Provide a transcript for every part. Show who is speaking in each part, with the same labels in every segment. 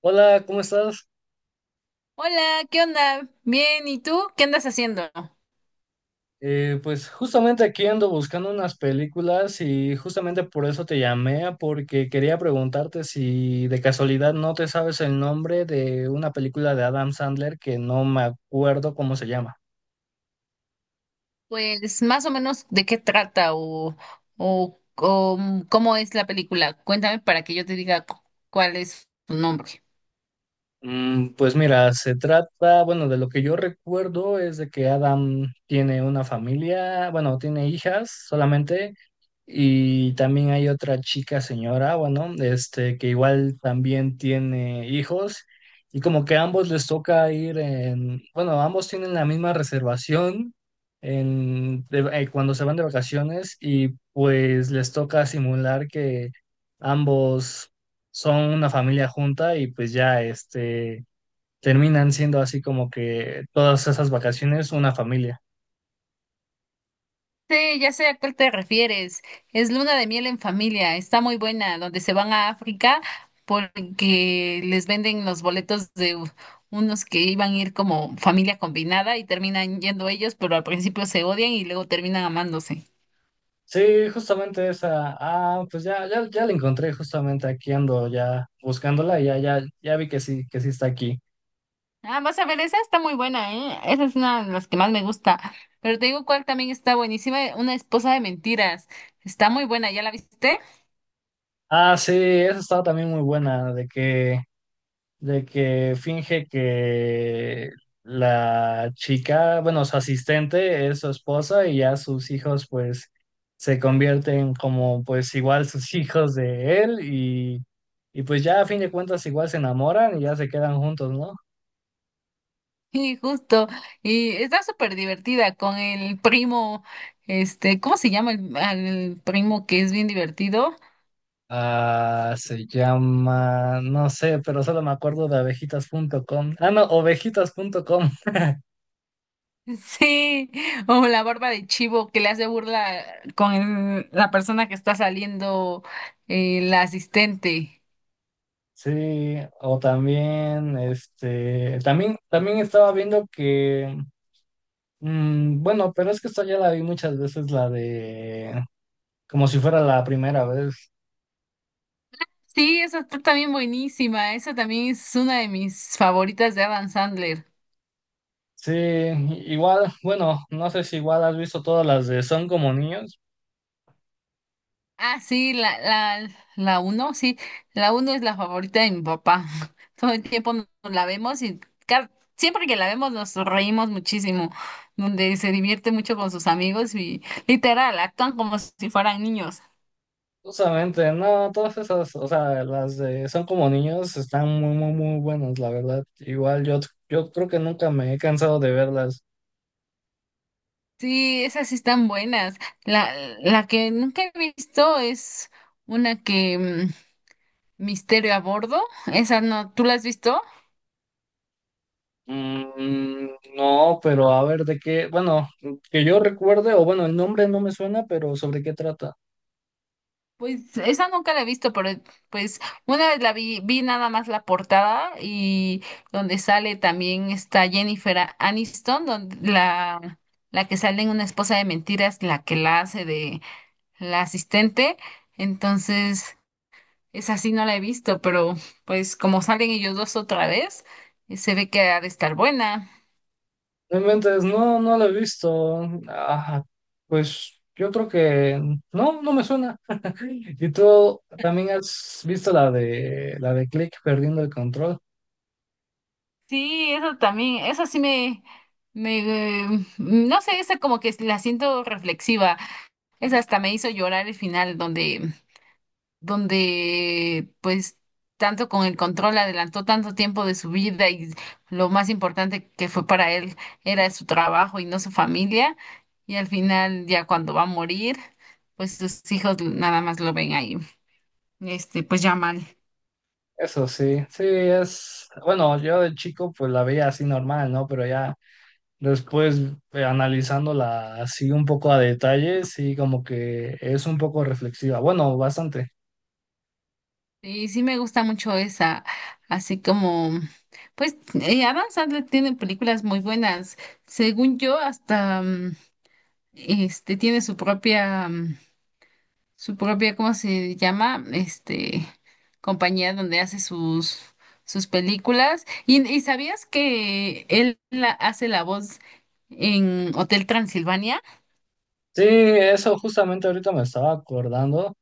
Speaker 1: Hola, ¿cómo estás?
Speaker 2: Hola, ¿qué onda? Bien, ¿y tú? ¿Qué andas haciendo?
Speaker 1: Pues justamente aquí ando buscando unas películas y justamente por eso te llamé, porque quería preguntarte si de casualidad no te sabes el nombre de una película de Adam Sandler que no me acuerdo cómo se llama.
Speaker 2: Pues más o menos de qué trata o cómo es la película. Cuéntame para que yo te diga cuál es su nombre.
Speaker 1: Pues mira, se trata, bueno, de lo que yo recuerdo es de que Adam tiene una familia, bueno, tiene hijas solamente, y también hay otra chica señora, bueno, que igual también tiene hijos, y como que a ambos les toca ir en, bueno, ambos tienen la misma reservación en, cuando se van de vacaciones, y pues les toca simular que ambos son una familia junta y pues ya terminan siendo así como que todas esas vacaciones una familia.
Speaker 2: Sí, ya sé a cuál te refieres. Es Luna de miel en familia. Está muy buena, donde se van a África porque les venden los boletos de unos que iban a ir como familia combinada y terminan yendo ellos, pero al principio se odian y luego terminan amándose.
Speaker 1: Sí, justamente esa. Ah, pues ya, ya, ya la encontré, justamente aquí ando ya buscándola, y ya, ya, ya vi que sí está aquí.
Speaker 2: Ah, vas a ver, esa está muy buena, ¿eh? Esa es una de las que más me gusta. Pero te digo cuál también está buenísima, Una esposa de mentiras. Está muy buena, ¿ya la viste?
Speaker 1: Ah, sí, esa estaba también muy buena, de que finge que la chica, bueno, su asistente es su esposa y ya sus hijos pues se convierten como, pues igual, sus hijos de él y pues ya a fin de cuentas igual se enamoran y ya se quedan juntos, ¿no?
Speaker 2: Y justo, y está súper divertida con el primo, este, ¿cómo se llama el, al primo que es bien divertido?
Speaker 1: Ah, se llama, no sé, pero solo me acuerdo de abejitas abejitas.com. Ah, no, ovejitas ovejitas.com.
Speaker 2: Sí, o la barba de chivo que le hace burla con la persona que está saliendo, la asistente.
Speaker 1: Sí, o también, también, también estaba viendo que. Bueno, pero es que esta ya la vi muchas veces, la de Como si fuera la primera vez.
Speaker 2: Sí, esa está también buenísima. Esa también es una de mis favoritas de Adam Sandler.
Speaker 1: Sí, igual, bueno, no sé si igual has visto todas las de Son como niños.
Speaker 2: Ah, sí, la uno, sí. La uno es la favorita de mi papá. Todo el tiempo nos la vemos y ca- siempre que la vemos nos reímos muchísimo. Donde se divierte mucho con sus amigos y literal, actúan como si fueran niños.
Speaker 1: Justamente, no, todas esas, o sea, las de Son como niños están muy, muy, muy buenas, la verdad. Igual yo, yo creo que nunca me he cansado de verlas.
Speaker 2: Sí, esas sí están buenas. La, la que nunca he visto es una que Misterio a bordo. Esa no, ¿tú la has visto?
Speaker 1: Mm, no, pero a ver, de qué, bueno, que yo recuerde, o bueno, el nombre no me suena, pero ¿sobre qué trata?
Speaker 2: Pues esa nunca la he visto, pero pues una vez la vi nada más la portada y donde sale también está Jennifer Aniston, donde la que sale en Una esposa de mentiras, la que la hace de la asistente. Entonces, esa sí no la he visto, pero pues como salen ellos dos otra vez, se ve que ha de estar buena.
Speaker 1: No inventes, no, no lo he visto. Ajá, pues yo creo que no, no me suena. ¿Y tú también has visto la de Click, perdiendo el control?
Speaker 2: Sí, eso también, eso sí me, no sé, esa como que la siento reflexiva. Esa hasta me hizo llorar el final donde pues tanto con el control adelantó tanto tiempo de su vida y lo más importante que fue para él era su trabajo y no su familia. Y al final ya cuando va a morir, pues sus hijos nada más lo ven ahí, este, pues ya mal.
Speaker 1: Eso sí, sí es, bueno, yo de chico pues la veía así normal, ¿no? Pero ya después, analizándola así un poco a detalle, sí, como que es un poco reflexiva. Bueno, bastante.
Speaker 2: Y sí me gusta mucho esa, así como, pues Adam Sandler tiene películas muy buenas. Según yo, este tiene su propia, su propia, ¿cómo se llama? Este, compañía donde hace sus películas. Y sabías que él hace la voz en Hotel Transilvania?
Speaker 1: Sí, eso justamente ahorita me estaba acordando,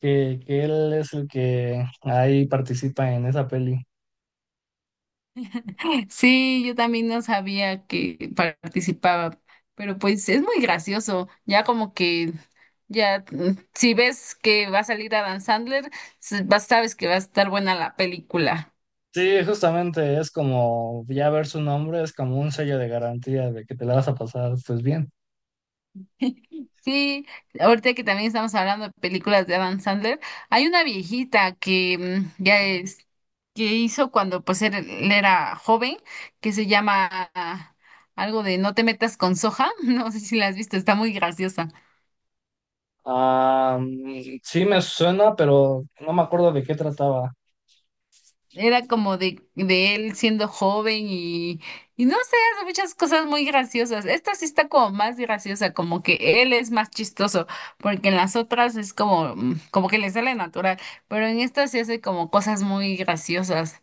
Speaker 1: que él es el que ahí participa en esa peli.
Speaker 2: Sí, yo también no sabía que participaba, pero pues es muy gracioso, ya como que... Ya, si ves que va a salir Adam Sandler, sabes que va a estar buena la película.
Speaker 1: Sí, justamente, es como ya ver su nombre es como un sello de garantía de que te la vas a pasar, pues, bien.
Speaker 2: Sí, ahorita que también estamos hablando de películas de Adam Sandler, hay una viejita que que hizo cuando pues él era joven, que se llama ah, algo de No te metas con soja, no sé si la has visto, está muy graciosa.
Speaker 1: Ah, sí me suena, pero no me acuerdo de qué trataba.
Speaker 2: Era como de él siendo joven y no sé, hace muchas cosas muy graciosas. Esta sí está como más graciosa, como que él es más chistoso, porque en las otras es como como que le sale natural, pero en esta sí hace como cosas muy graciosas.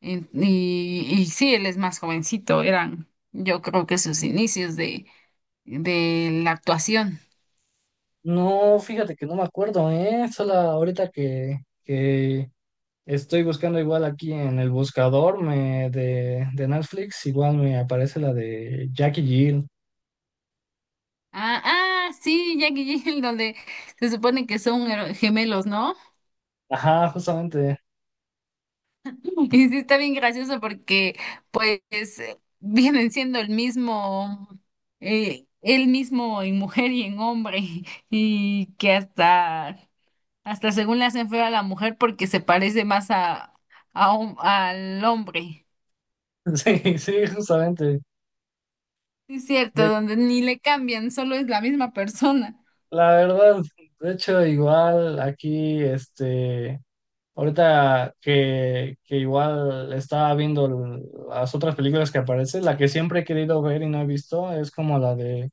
Speaker 2: Y sí, él es más jovencito, eran yo creo que sus inicios de la actuación.
Speaker 1: No, fíjate que no me acuerdo, ¿eh? Solo ahorita que estoy buscando, igual aquí en el buscador me, de Netflix, igual me aparece la de Jackie Jill.
Speaker 2: Ah, sí, Jackie y Jill, donde se supone que son gemelos, ¿no?
Speaker 1: Ajá, justamente.
Speaker 2: Y sí está bien gracioso porque pues vienen siendo el mismo en mujer y en hombre y que hasta según le hacen feo a la mujer porque se parece más a al hombre.
Speaker 1: Sí, sí, justamente.
Speaker 2: Sí, es cierto, donde ni le cambian, solo es la misma persona.
Speaker 1: La verdad, de hecho, igual aquí, ahorita que igual estaba viendo las otras películas que aparecen, la que siempre he querido ver y no he visto es como la de,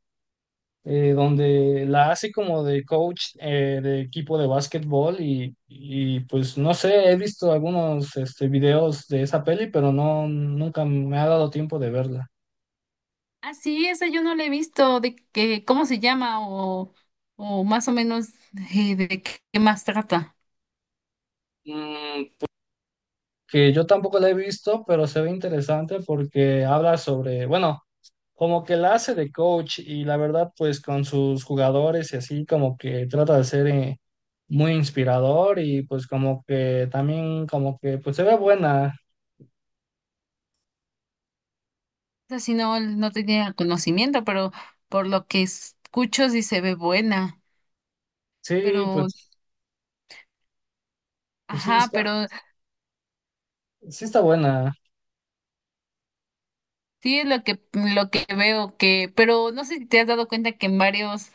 Speaker 1: donde la hace como de coach, de equipo de básquetbol y pues no sé, he visto algunos, videos de esa peli, pero no, nunca me ha dado tiempo de verla.
Speaker 2: Ah, sí, esa yo no la he visto de que cómo se llama o más o menos de qué más trata.
Speaker 1: Mm, que yo tampoco la he visto, pero se ve interesante porque habla sobre, bueno, como que la hace de coach, y la verdad, pues con sus jugadores y así, como que trata de ser, muy inspirador, y pues como que también, como que pues se ve buena.
Speaker 2: O sea, si no, no tenía conocimiento, pero por lo que escucho sí se ve buena.
Speaker 1: Sí,
Speaker 2: Pero,
Speaker 1: pues, pues
Speaker 2: ajá, pero
Speaker 1: sí está buena.
Speaker 2: sí es lo que veo que, pero no sé si te has dado cuenta que en varios,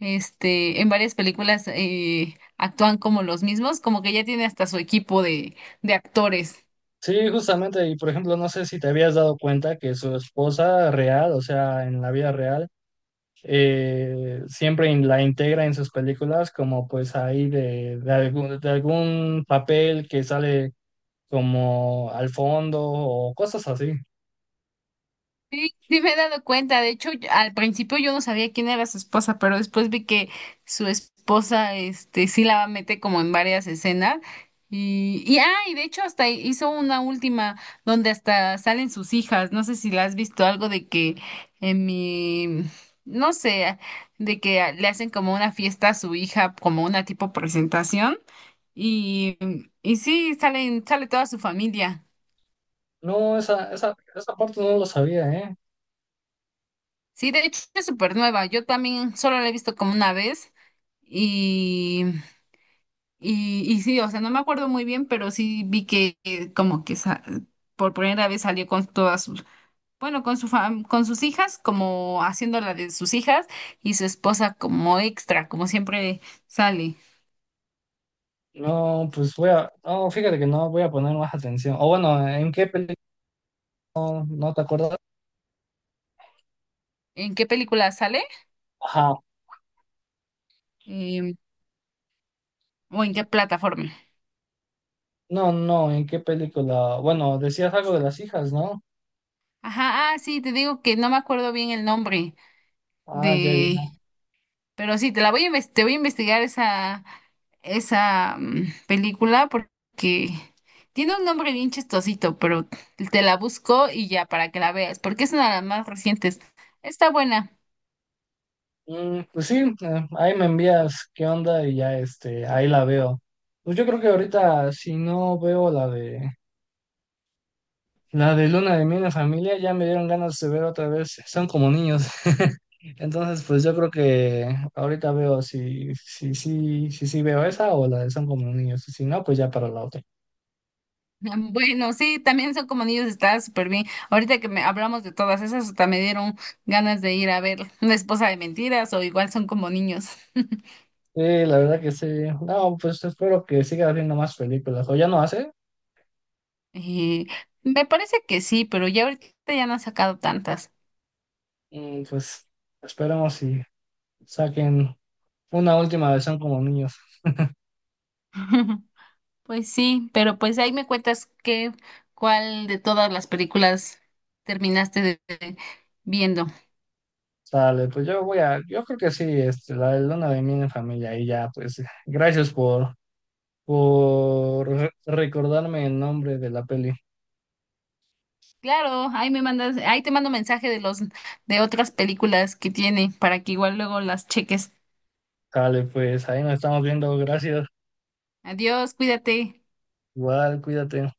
Speaker 2: este, en varias películas actúan como los mismos, como que ya tiene hasta su equipo de actores.
Speaker 1: Sí, justamente, y por ejemplo, no sé si te habías dado cuenta que su esposa real, o sea, en la vida real, siempre la integra en sus películas como pues ahí de algún papel que sale como al fondo o cosas así.
Speaker 2: Sí, sí me he dado cuenta. De hecho, yo- al principio yo no sabía quién era su esposa, pero después vi que su esposa, este, sí la mete como en varias escenas. Y de hecho hasta hizo una última donde hasta salen sus hijas. No sé si la has visto algo de que en mi, no sé, de que le hacen como una fiesta a su hija, como una tipo presentación. Y, y sí, salen, sale toda su familia.
Speaker 1: No, esa, esa parte no lo sabía, ¿eh?
Speaker 2: Sí, de hecho es súper nueva. Yo también solo la he visto como una vez y, y sí, o sea, no me acuerdo muy bien, pero sí vi que como que por primera vez salió con todas sus, bueno, con su con sus hijas, como haciendo la de sus hijas y su esposa como extra, como siempre sale.
Speaker 1: No, pues voy a, no, fíjate que no voy a poner más atención. O bueno, ¿en qué película? No, no te acuerdas.
Speaker 2: ¿En qué película sale?
Speaker 1: Ajá.
Speaker 2: Em, ¿o en qué plataforma?
Speaker 1: No, no, ¿en qué película? Bueno, decías algo de las hijas, ¿no?
Speaker 2: Ajá, ah, sí, te digo que no me acuerdo bien el nombre.
Speaker 1: Ah, ya, ya.
Speaker 2: Pero sí, te la voy a te voy a investigar esa, esa película porque tiene un nombre bien chistosito, pero te la busco y ya para que la veas, porque es una de las más recientes. Está buena.
Speaker 1: Pues sí, ahí me envías qué onda y ya, ahí la veo. Pues yo creo que ahorita, si no veo la de la de luna de miel en familia, ya me dieron ganas de ver otra vez Son como niños. Entonces, pues yo creo que ahorita veo si veo esa o la de Son como niños. Y si no, pues ya para la otra.
Speaker 2: Bueno, sí, también son como niños, está súper bien. Ahorita que me hablamos de todas esas, hasta me dieron ganas de ir a ver una esposa de mentiras o igual son como niños.
Speaker 1: Sí, la verdad que sí. No, pues espero que siga haciendo más películas. O ya no hace.
Speaker 2: Eh, Me parece que sí, pero ya ahorita ya no han sacado tantas.
Speaker 1: Pues esperemos y saquen una última de Son como niños.
Speaker 2: Pues sí, pero pues ahí me cuentas cuál de todas las películas terminaste de viendo.
Speaker 1: Sale, pues yo voy a, yo creo que sí, la de luna de miel en familia, y ya, pues gracias por recordarme el nombre de la peli.
Speaker 2: Claro, ahí me mandas, ahí te mando mensaje de los de otras películas que tiene para que igual luego las cheques.
Speaker 1: Dale, pues ahí nos estamos viendo, gracias.
Speaker 2: Adiós, cuídate.
Speaker 1: Igual, cuídate.